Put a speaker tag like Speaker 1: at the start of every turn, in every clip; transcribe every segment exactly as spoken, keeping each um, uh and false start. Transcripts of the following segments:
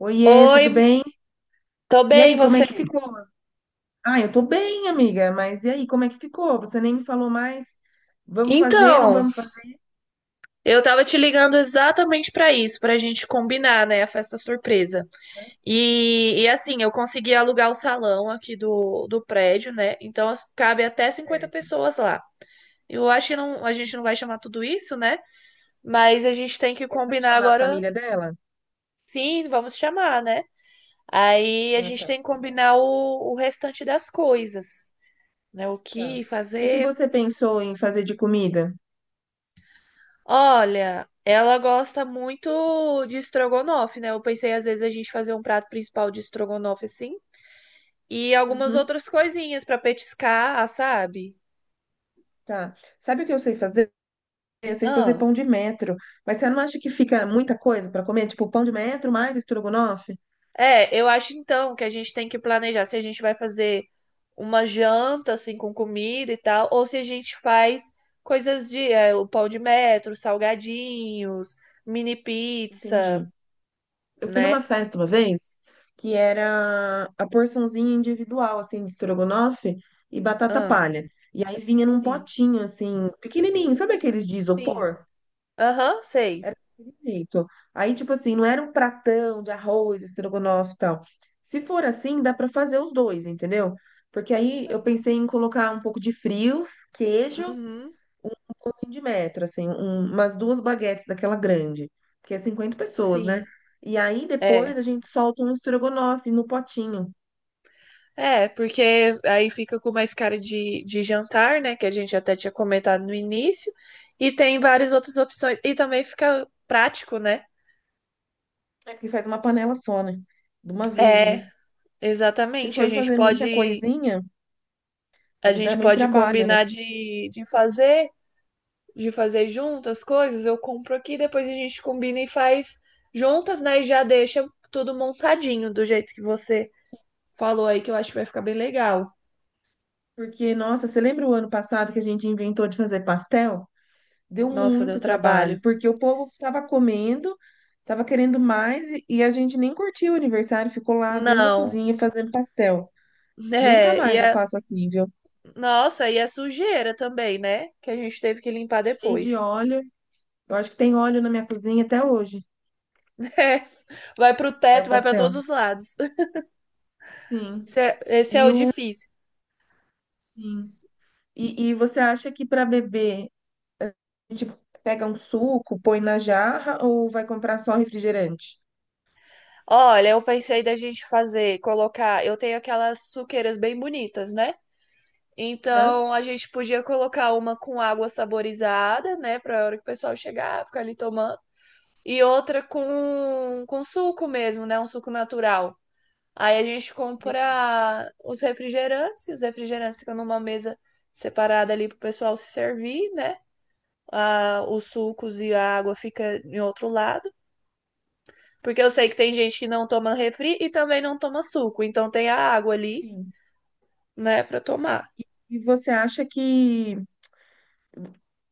Speaker 1: Oiê,
Speaker 2: Oi,
Speaker 1: tudo bem?
Speaker 2: tô
Speaker 1: E
Speaker 2: bem,
Speaker 1: aí, como é
Speaker 2: você?
Speaker 1: que ficou? Ah, eu tô bem, amiga, mas e aí, como é que ficou? Você nem me falou mais. Vamos fazer, não
Speaker 2: Então,
Speaker 1: vamos fazer
Speaker 2: eu tava te ligando exatamente pra isso, pra gente combinar, né, a festa surpresa. E, e assim, eu consegui alugar o salão aqui do, do prédio, né? Então as- cabe até cinquenta
Speaker 1: certo.
Speaker 2: pessoas lá. Eu acho que não, a gente não vai chamar tudo isso, né? Mas a gente tem que
Speaker 1: Mas vai
Speaker 2: combinar
Speaker 1: chamar a
Speaker 2: agora.
Speaker 1: família dela?
Speaker 2: Sim, vamos chamar, né? Aí a
Speaker 1: Ah,
Speaker 2: gente
Speaker 1: tá,
Speaker 2: tem que combinar o, o restante das coisas, né? O
Speaker 1: tá.
Speaker 2: que
Speaker 1: O que que
Speaker 2: fazer.
Speaker 1: você pensou em fazer de comida?
Speaker 2: Olha, ela gosta muito de estrogonofe, né? Eu pensei às vezes a gente fazer um prato principal de estrogonofe assim e algumas
Speaker 1: Uhum,
Speaker 2: outras coisinhas pra petiscar, sabe?
Speaker 1: tá. Sabe o que eu sei fazer? Eu sei fazer
Speaker 2: Ah,
Speaker 1: pão de metro, mas você não acha que fica muita coisa pra comer? Tipo, pão de metro mais estrogonofe?
Speaker 2: é, eu acho então que a gente tem que planejar se a gente vai fazer uma janta assim com comida e tal ou se a gente faz coisas de é, o pão de metro, salgadinhos, mini pizza,
Speaker 1: Entendi. Eu fui numa
Speaker 2: né?
Speaker 1: festa uma vez que era a porçãozinha individual, assim, de estrogonofe e batata
Speaker 2: Ah,
Speaker 1: palha. E aí vinha num
Speaker 2: sim.
Speaker 1: potinho, assim, pequenininho, sabe
Speaker 2: Hum,
Speaker 1: aqueles de
Speaker 2: sim.
Speaker 1: isopor?
Speaker 2: Aham, sei.
Speaker 1: Era daquele jeito. Aí, tipo assim, não era um pratão de arroz, estrogonofe e tal. Se for assim, dá pra fazer os dois, entendeu? Porque aí eu pensei em colocar um pouco de frios, queijo
Speaker 2: Uhum.
Speaker 1: um pãozinho de metro, assim, um- umas duas baguetes daquela grande, porque é cinquenta pessoas, né?
Speaker 2: Sim,
Speaker 1: E aí
Speaker 2: é.
Speaker 1: depois a gente solta um estrogonofe no potinho.
Speaker 2: É, porque aí fica com mais cara de, de jantar, né? Que a gente até tinha comentado no início. E tem várias outras opções. E também fica prático, né?
Speaker 1: É porque faz uma panela só, né? De uma vez,
Speaker 2: É,
Speaker 1: né? Se
Speaker 2: exatamente. A
Speaker 1: for
Speaker 2: gente
Speaker 1: fazer muita
Speaker 2: pode,
Speaker 1: coisinha,
Speaker 2: a
Speaker 1: vai dar
Speaker 2: gente
Speaker 1: muito
Speaker 2: pode
Speaker 1: trabalho, né?
Speaker 2: combinar de, de fazer, de fazer junto as coisas. Eu compro aqui, depois a gente combina e faz juntas, né? E já deixa tudo montadinho do jeito que você falou aí, que eu acho que vai ficar bem legal.
Speaker 1: Porque, nossa, você lembra o ano passado que a gente inventou de fazer pastel? Deu
Speaker 2: Nossa, deu
Speaker 1: muito
Speaker 2: trabalho.
Speaker 1: trabalho, porque o povo estava comendo, estava querendo mais e e a gente nem curtiu o aniversário, ficou lá dentro da
Speaker 2: Não.
Speaker 1: cozinha fazendo pastel. Nunca
Speaker 2: É, e
Speaker 1: mais eu
Speaker 2: a...
Speaker 1: faço assim, viu?
Speaker 2: Nossa, e a sujeira também, né? Que a gente teve que limpar
Speaker 1: Cheio de
Speaker 2: depois.
Speaker 1: óleo. Eu acho que tem óleo na minha cozinha até hoje,
Speaker 2: Vai pro teto,
Speaker 1: do
Speaker 2: vai pra todos
Speaker 1: pastel.
Speaker 2: os lados.
Speaker 1: Sim.
Speaker 2: Esse é, esse é
Speaker 1: E
Speaker 2: o
Speaker 1: o
Speaker 2: difícil.
Speaker 1: sim. E, e você acha que para beber a gente pega um suco, põe na jarra ou vai comprar só refrigerante?
Speaker 2: Olha, eu pensei da gente fazer, colocar. Eu tenho aquelas suqueiras bem bonitas, né?
Speaker 1: Hã?
Speaker 2: Então a gente podia colocar uma com água saborizada, né? Pra hora que o pessoal chegar, ficar ali tomando. E outra com, com suco mesmo, né? Um suco natural. Aí a gente
Speaker 1: Entendi.
Speaker 2: compra os refrigerantes, e os refrigerantes ficam numa mesa separada ali pro pessoal se servir, né? Ah, os sucos e a água fica em outro lado, porque eu sei que tem gente que não toma refri e também não toma suco, então tem a água ali,
Speaker 1: Sim.
Speaker 2: né, pra tomar.
Speaker 1: E você acha que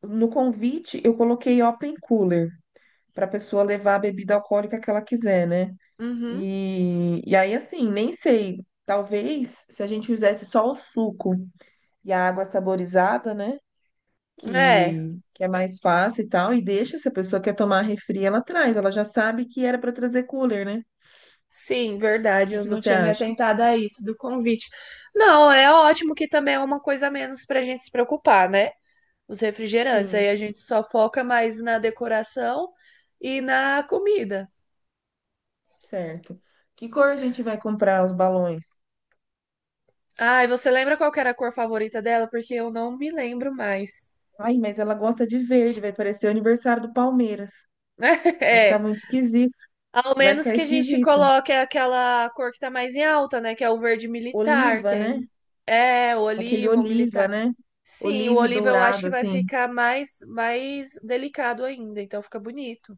Speaker 1: no convite eu coloquei open cooler para a pessoa levar a bebida alcoólica que ela quiser, né?
Speaker 2: Uhum.
Speaker 1: E, e aí, assim, nem sei. Talvez se a gente fizesse só o suco e a água saborizada, né?
Speaker 2: É,
Speaker 1: que, que é mais fácil e tal, e deixa, se a pessoa quer tomar refri, ela traz, ela já sabe que era para trazer cooler, né? O
Speaker 2: sim, verdade,
Speaker 1: que
Speaker 2: eu
Speaker 1: que
Speaker 2: não
Speaker 1: você
Speaker 2: tinha me
Speaker 1: acha?
Speaker 2: atentado a isso do convite. Não, é ótimo que também é uma coisa a menos pra gente se preocupar, né? Os refrigerantes.
Speaker 1: Sim,
Speaker 2: Aí a gente só foca mais na decoração e na comida.
Speaker 1: certo. Que cor a gente vai comprar os balões?
Speaker 2: Ai, você lembra qual que era a cor favorita dela? Porque eu não me lembro mais.
Speaker 1: Ai, mas ela gosta de verde, vai parecer o aniversário do Palmeiras. Vai ficar
Speaker 2: É,
Speaker 1: muito esquisito,
Speaker 2: ao
Speaker 1: vai
Speaker 2: menos
Speaker 1: ficar
Speaker 2: que a gente
Speaker 1: esquisito.
Speaker 2: coloque aquela cor que tá mais em alta, né? Que é o verde militar, que
Speaker 1: Oliva,
Speaker 2: aí-
Speaker 1: né?
Speaker 2: é o
Speaker 1: Aquele
Speaker 2: oliva, o
Speaker 1: oliva,
Speaker 2: militar.
Speaker 1: né?
Speaker 2: Sim, o
Speaker 1: Oliva e
Speaker 2: oliva eu acho
Speaker 1: dourado,
Speaker 2: que vai
Speaker 1: assim.
Speaker 2: ficar mais mais delicado ainda, então fica bonito.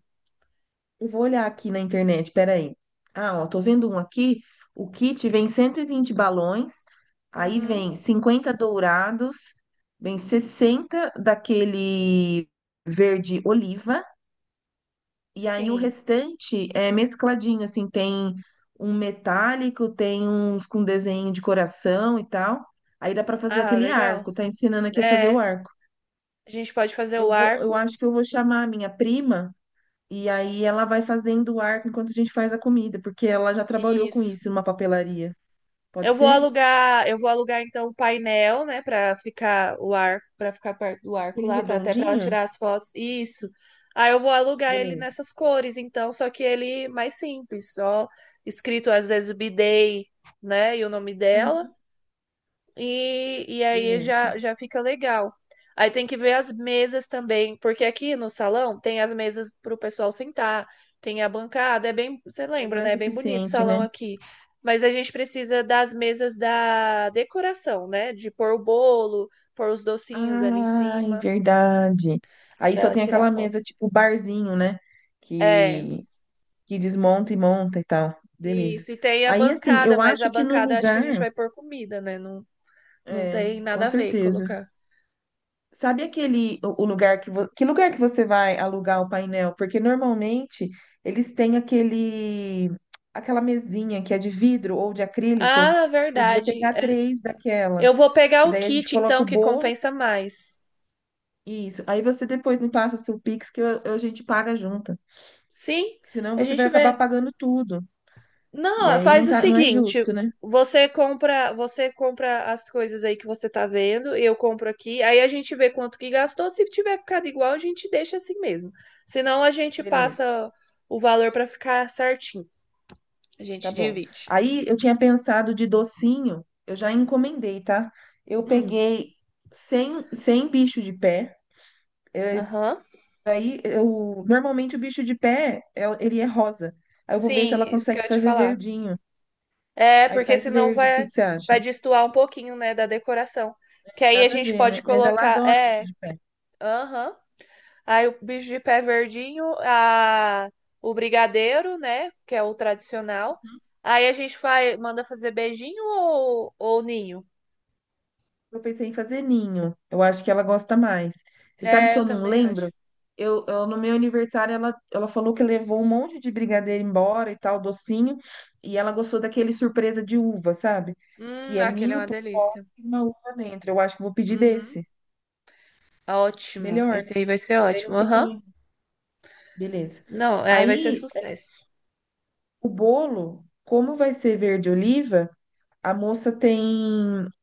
Speaker 1: Eu vou olhar aqui na internet, peraí. Ah, ó, tô vendo um aqui. O kit vem cento e vinte balões, aí
Speaker 2: Uhum,
Speaker 1: vem cinquenta dourados, vem sessenta daquele verde oliva, e aí o
Speaker 2: sim.
Speaker 1: restante é mescladinho, assim, tem um metálico, tem uns com desenho de coração e tal. Aí dá pra fazer
Speaker 2: Ah,
Speaker 1: aquele
Speaker 2: legal.
Speaker 1: arco, tá ensinando aqui a fazer o
Speaker 2: É,
Speaker 1: arco.
Speaker 2: a gente pode fazer
Speaker 1: Eu
Speaker 2: o
Speaker 1: vou, eu
Speaker 2: arco.
Speaker 1: acho que eu vou chamar a minha prima e aí ela vai fazendo o arco enquanto a gente faz a comida, porque ela já trabalhou com
Speaker 2: Isso.
Speaker 1: isso numa papelaria. Pode
Speaker 2: Eu vou
Speaker 1: ser?
Speaker 2: alugar, eu vou alugar então o painel, né, para ficar o arco, para ficar perto do arco
Speaker 1: Aquele
Speaker 2: lá, para até para ela
Speaker 1: redondinho?
Speaker 2: tirar as fotos. Isso. Aí eu vou alugar ele
Speaker 1: Beleza.
Speaker 2: nessas cores, então, só que ele mais simples, só escrito às vezes B-Day, né, e o nome dela.
Speaker 1: Uhum.
Speaker 2: E, e aí
Speaker 1: Beleza.
Speaker 2: já, já fica legal. Aí tem que ver as mesas também, porque aqui no salão tem as mesas para o pessoal sentar, tem a bancada, é bem, você
Speaker 1: É, mas não
Speaker 2: lembra,
Speaker 1: é
Speaker 2: né? É bem bonito o
Speaker 1: suficiente,
Speaker 2: salão
Speaker 1: né?
Speaker 2: aqui. Mas a gente precisa das mesas da decoração, né? De pôr o bolo, pôr os docinhos ali em
Speaker 1: Ai,
Speaker 2: cima,
Speaker 1: verdade. Aí
Speaker 2: para
Speaker 1: só
Speaker 2: ela
Speaker 1: tem
Speaker 2: tirar
Speaker 1: aquela
Speaker 2: foto.
Speaker 1: mesa tipo barzinho, né?
Speaker 2: É,
Speaker 1: Que, que desmonta e monta e tal. Beleza.
Speaker 2: isso. E tem a
Speaker 1: Aí, assim,
Speaker 2: bancada,
Speaker 1: eu
Speaker 2: mas a
Speaker 1: acho que no
Speaker 2: bancada acho que a gente
Speaker 1: lugar,
Speaker 2: vai pôr comida, né? Não, não
Speaker 1: é,
Speaker 2: tem
Speaker 1: com
Speaker 2: nada a ver
Speaker 1: certeza.
Speaker 2: colocar.
Speaker 1: Sabe aquele o o lugar que vo- que lugar que você vai alugar o painel? Porque normalmente eles têm aquele aquela mesinha que é de vidro ou de acrílico.
Speaker 2: Ah,
Speaker 1: Podia
Speaker 2: verdade.
Speaker 1: pegar três daquela,
Speaker 2: Eu vou pegar
Speaker 1: que
Speaker 2: o
Speaker 1: daí a gente
Speaker 2: kit,
Speaker 1: coloca
Speaker 2: então,
Speaker 1: o
Speaker 2: que
Speaker 1: bolo
Speaker 2: compensa mais.
Speaker 1: e isso. Aí você depois me passa seu Pix que eu- eu- a gente paga junto.
Speaker 2: Sim,
Speaker 1: Senão
Speaker 2: a
Speaker 1: você vai
Speaker 2: gente
Speaker 1: acabar
Speaker 2: vê.
Speaker 1: pagando tudo. E
Speaker 2: Não,
Speaker 1: aí não
Speaker 2: faz o
Speaker 1: tá, não é
Speaker 2: seguinte:
Speaker 1: justo, né?
Speaker 2: você compra, você compra as coisas aí que você tá vendo, eu compro aqui, aí a gente vê quanto que gastou. Se tiver ficado igual, a gente deixa assim mesmo. Senão a gente
Speaker 1: Beleza.
Speaker 2: passa o valor pra ficar certinho. A
Speaker 1: Tá
Speaker 2: gente
Speaker 1: bom.
Speaker 2: divide.
Speaker 1: Aí eu tinha pensado de docinho, eu já encomendei, tá? Eu
Speaker 2: Hum,
Speaker 1: peguei cem, cem bicho de pé.
Speaker 2: aham.
Speaker 1: Aí eu normalmente o bicho de pé, é- ele é rosa. Aí eu vou ver se
Speaker 2: Sim,
Speaker 1: ela
Speaker 2: isso que eu
Speaker 1: consegue
Speaker 2: ia te
Speaker 1: fazer
Speaker 2: falar.
Speaker 1: verdinho.
Speaker 2: É,
Speaker 1: Aí
Speaker 2: porque
Speaker 1: faz
Speaker 2: senão
Speaker 1: verde. O que
Speaker 2: vai
Speaker 1: que você acha?
Speaker 2: vai destoar um pouquinho, né, da decoração. Que aí a
Speaker 1: Nada a
Speaker 2: gente
Speaker 1: ver,
Speaker 2: pode
Speaker 1: né? Mas ela
Speaker 2: colocar,
Speaker 1: adora bicho
Speaker 2: é.
Speaker 1: de pé.
Speaker 2: Aham. Aí o bicho de pé verdinho, a... o brigadeiro, né? Que é o tradicional. Aí a gente faz... manda fazer beijinho ou... ou ninho?
Speaker 1: Eu pensei em fazer ninho. Eu acho que ela gosta mais. Você sabe
Speaker 2: É,
Speaker 1: que
Speaker 2: eu
Speaker 1: eu não
Speaker 2: também acho.
Speaker 1: lembro? Eu, eu- no meu aniversário, ela, ela falou que levou um monte de brigadeiro embora e tal, docinho. E ela gostou daquele surpresa de uva, sabe?
Speaker 2: Hum,
Speaker 1: Que é
Speaker 2: aquele é
Speaker 1: ninho
Speaker 2: uma
Speaker 1: por fora
Speaker 2: delícia.
Speaker 1: e uma uva dentro. Eu acho que vou pedir
Speaker 2: Uhum.
Speaker 1: desse.
Speaker 2: Ótimo.
Speaker 1: Melhor, né?
Speaker 2: Esse aí vai ser
Speaker 1: Daí não
Speaker 2: ótimo.
Speaker 1: tem
Speaker 2: Aham.
Speaker 1: ninho. Beleza.
Speaker 2: Não, aí vai ser
Speaker 1: Aí, eh,
Speaker 2: sucesso.
Speaker 1: o bolo, como vai ser verde oliva, a moça tem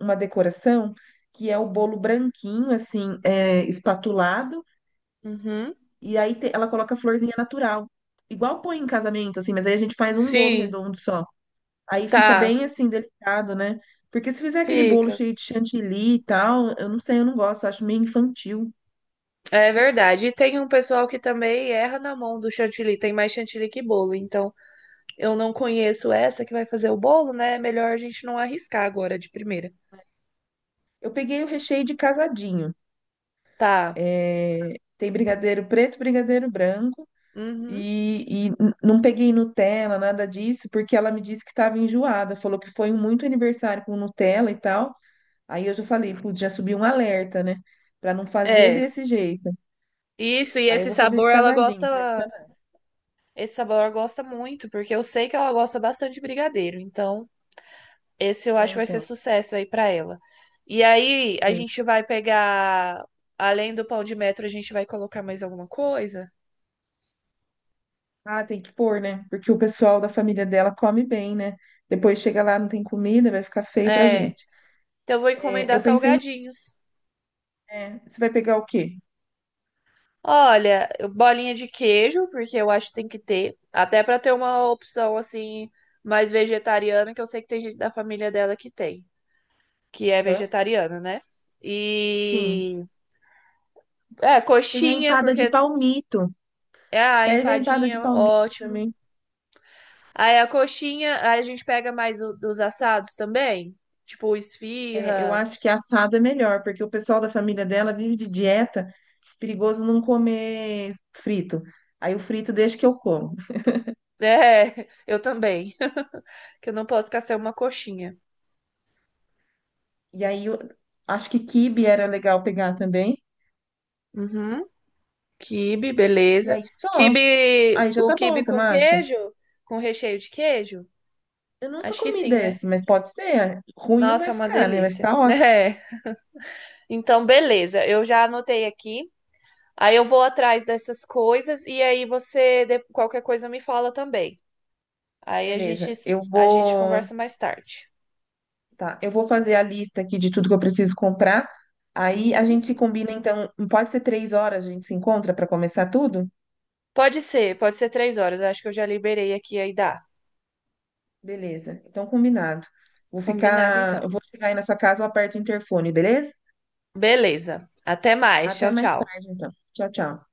Speaker 1: uma decoração que é o bolo branquinho, assim, eh, espatulado.
Speaker 2: Uhum.
Speaker 1: E aí te- ela coloca florzinha natural. Igual põe em casamento, assim, mas aí a gente faz um bolo
Speaker 2: Sim,
Speaker 1: redondo só. Aí fica bem
Speaker 2: tá.
Speaker 1: assim, delicado, né? Porque se fizer aquele bolo
Speaker 2: Fica.
Speaker 1: cheio de chantilly e tal, eu não sei, eu não gosto, eu acho meio infantil.
Speaker 2: É verdade. E tem um pessoal que também erra na mão do chantilly. Tem mais chantilly que bolo, então eu não conheço essa que vai fazer o bolo, né? É melhor a gente não arriscar agora de primeira.
Speaker 1: Eu peguei o recheio de casadinho.
Speaker 2: Tá.
Speaker 1: É, tem brigadeiro preto, brigadeiro branco.
Speaker 2: Uhum.
Speaker 1: E, e n- não peguei Nutella, nada disso, porque ela me disse que estava enjoada. Falou que foi um muito aniversário com Nutella e tal. Aí eu já falei, putz, já subiu um alerta, né? Pra não fazer
Speaker 2: É.
Speaker 1: desse jeito.
Speaker 2: Isso, e
Speaker 1: Aí eu
Speaker 2: esse
Speaker 1: vou fazer
Speaker 2: sabor
Speaker 1: de
Speaker 2: ela
Speaker 1: casadinho,
Speaker 2: gosta.
Speaker 1: tradicional,
Speaker 2: Esse sabor ela gosta muito, porque eu sei que ela gosta bastante de brigadeiro. Então, esse eu
Speaker 1: né?
Speaker 2: acho que vai ser
Speaker 1: Então,
Speaker 2: sucesso aí pra ela. E aí, a
Speaker 1: beleza.
Speaker 2: gente vai pegar. Além do pão de metro, a gente vai colocar mais alguma coisa?
Speaker 1: Ah, tem que pôr, né? Porque o pessoal da família dela come bem, né? Depois chega lá, não tem comida, vai ficar feio pra
Speaker 2: É.
Speaker 1: gente.
Speaker 2: Então, eu vou
Speaker 1: É,
Speaker 2: encomendar
Speaker 1: eu pensei em.
Speaker 2: salgadinhos.
Speaker 1: É, você vai pegar o quê?
Speaker 2: Olha, bolinha de queijo, porque eu acho que tem que ter, até pra ter uma opção assim mais vegetariana, que eu sei que tem gente da família dela que tem, que é
Speaker 1: Aham.
Speaker 2: vegetariana, né?
Speaker 1: Sim.
Speaker 2: E é
Speaker 1: Tem a
Speaker 2: coxinha,
Speaker 1: empada
Speaker 2: porque
Speaker 1: de palmito.
Speaker 2: é a
Speaker 1: Pega a empada de
Speaker 2: empadinha,
Speaker 1: palmito
Speaker 2: ótimo.
Speaker 1: também.
Speaker 2: Aí a coxinha, aí a gente pega mais o- dos assados também, tipo
Speaker 1: É, eu
Speaker 2: esfirra.
Speaker 1: acho que assado é melhor, porque o pessoal da família dela vive de dieta, perigoso não comer frito. Aí o frito deixa que eu como.
Speaker 2: É, eu também, que eu não posso ficar sem uma coxinha.
Speaker 1: E aí eu acho que quibe era legal pegar também.
Speaker 2: Uhum. Quibe,
Speaker 1: E
Speaker 2: beleza.
Speaker 1: aí só.
Speaker 2: Quibe,
Speaker 1: Aí já
Speaker 2: o
Speaker 1: tá bom,
Speaker 2: quibe
Speaker 1: você não
Speaker 2: com
Speaker 1: acha?
Speaker 2: queijo? Com recheio de queijo?
Speaker 1: Eu nunca
Speaker 2: Acho que
Speaker 1: comi
Speaker 2: sim, né?
Speaker 1: desse, mas pode ser. Ruim não
Speaker 2: Nossa, é
Speaker 1: vai
Speaker 2: uma
Speaker 1: ficar, né? Vai
Speaker 2: delícia.
Speaker 1: ficar ótimo.
Speaker 2: É. Então, beleza. Eu já anotei aqui. Aí eu vou atrás dessas coisas e aí você, de- qualquer coisa, me fala também. Aí a gente,
Speaker 1: Beleza. Eu
Speaker 2: a gente
Speaker 1: vou.
Speaker 2: conversa mais tarde.
Speaker 1: Tá, eu vou fazer a lista aqui de tudo que eu preciso comprar. Aí a
Speaker 2: Uhum.
Speaker 1: gente combina, então. Pode ser três horas, a gente se encontra para começar tudo?
Speaker 2: Pode ser, pode ser três horas. Eu acho que eu já liberei aqui aí dá.
Speaker 1: Beleza. Então, combinado. Vou
Speaker 2: Combinado,
Speaker 1: ficar.
Speaker 2: então.
Speaker 1: Eu vou chegar aí na sua casa, eu aperto o interfone, beleza?
Speaker 2: Beleza. Até mais.
Speaker 1: Até
Speaker 2: Tchau,
Speaker 1: mais
Speaker 2: tchau.
Speaker 1: tarde, então. Tchau, tchau.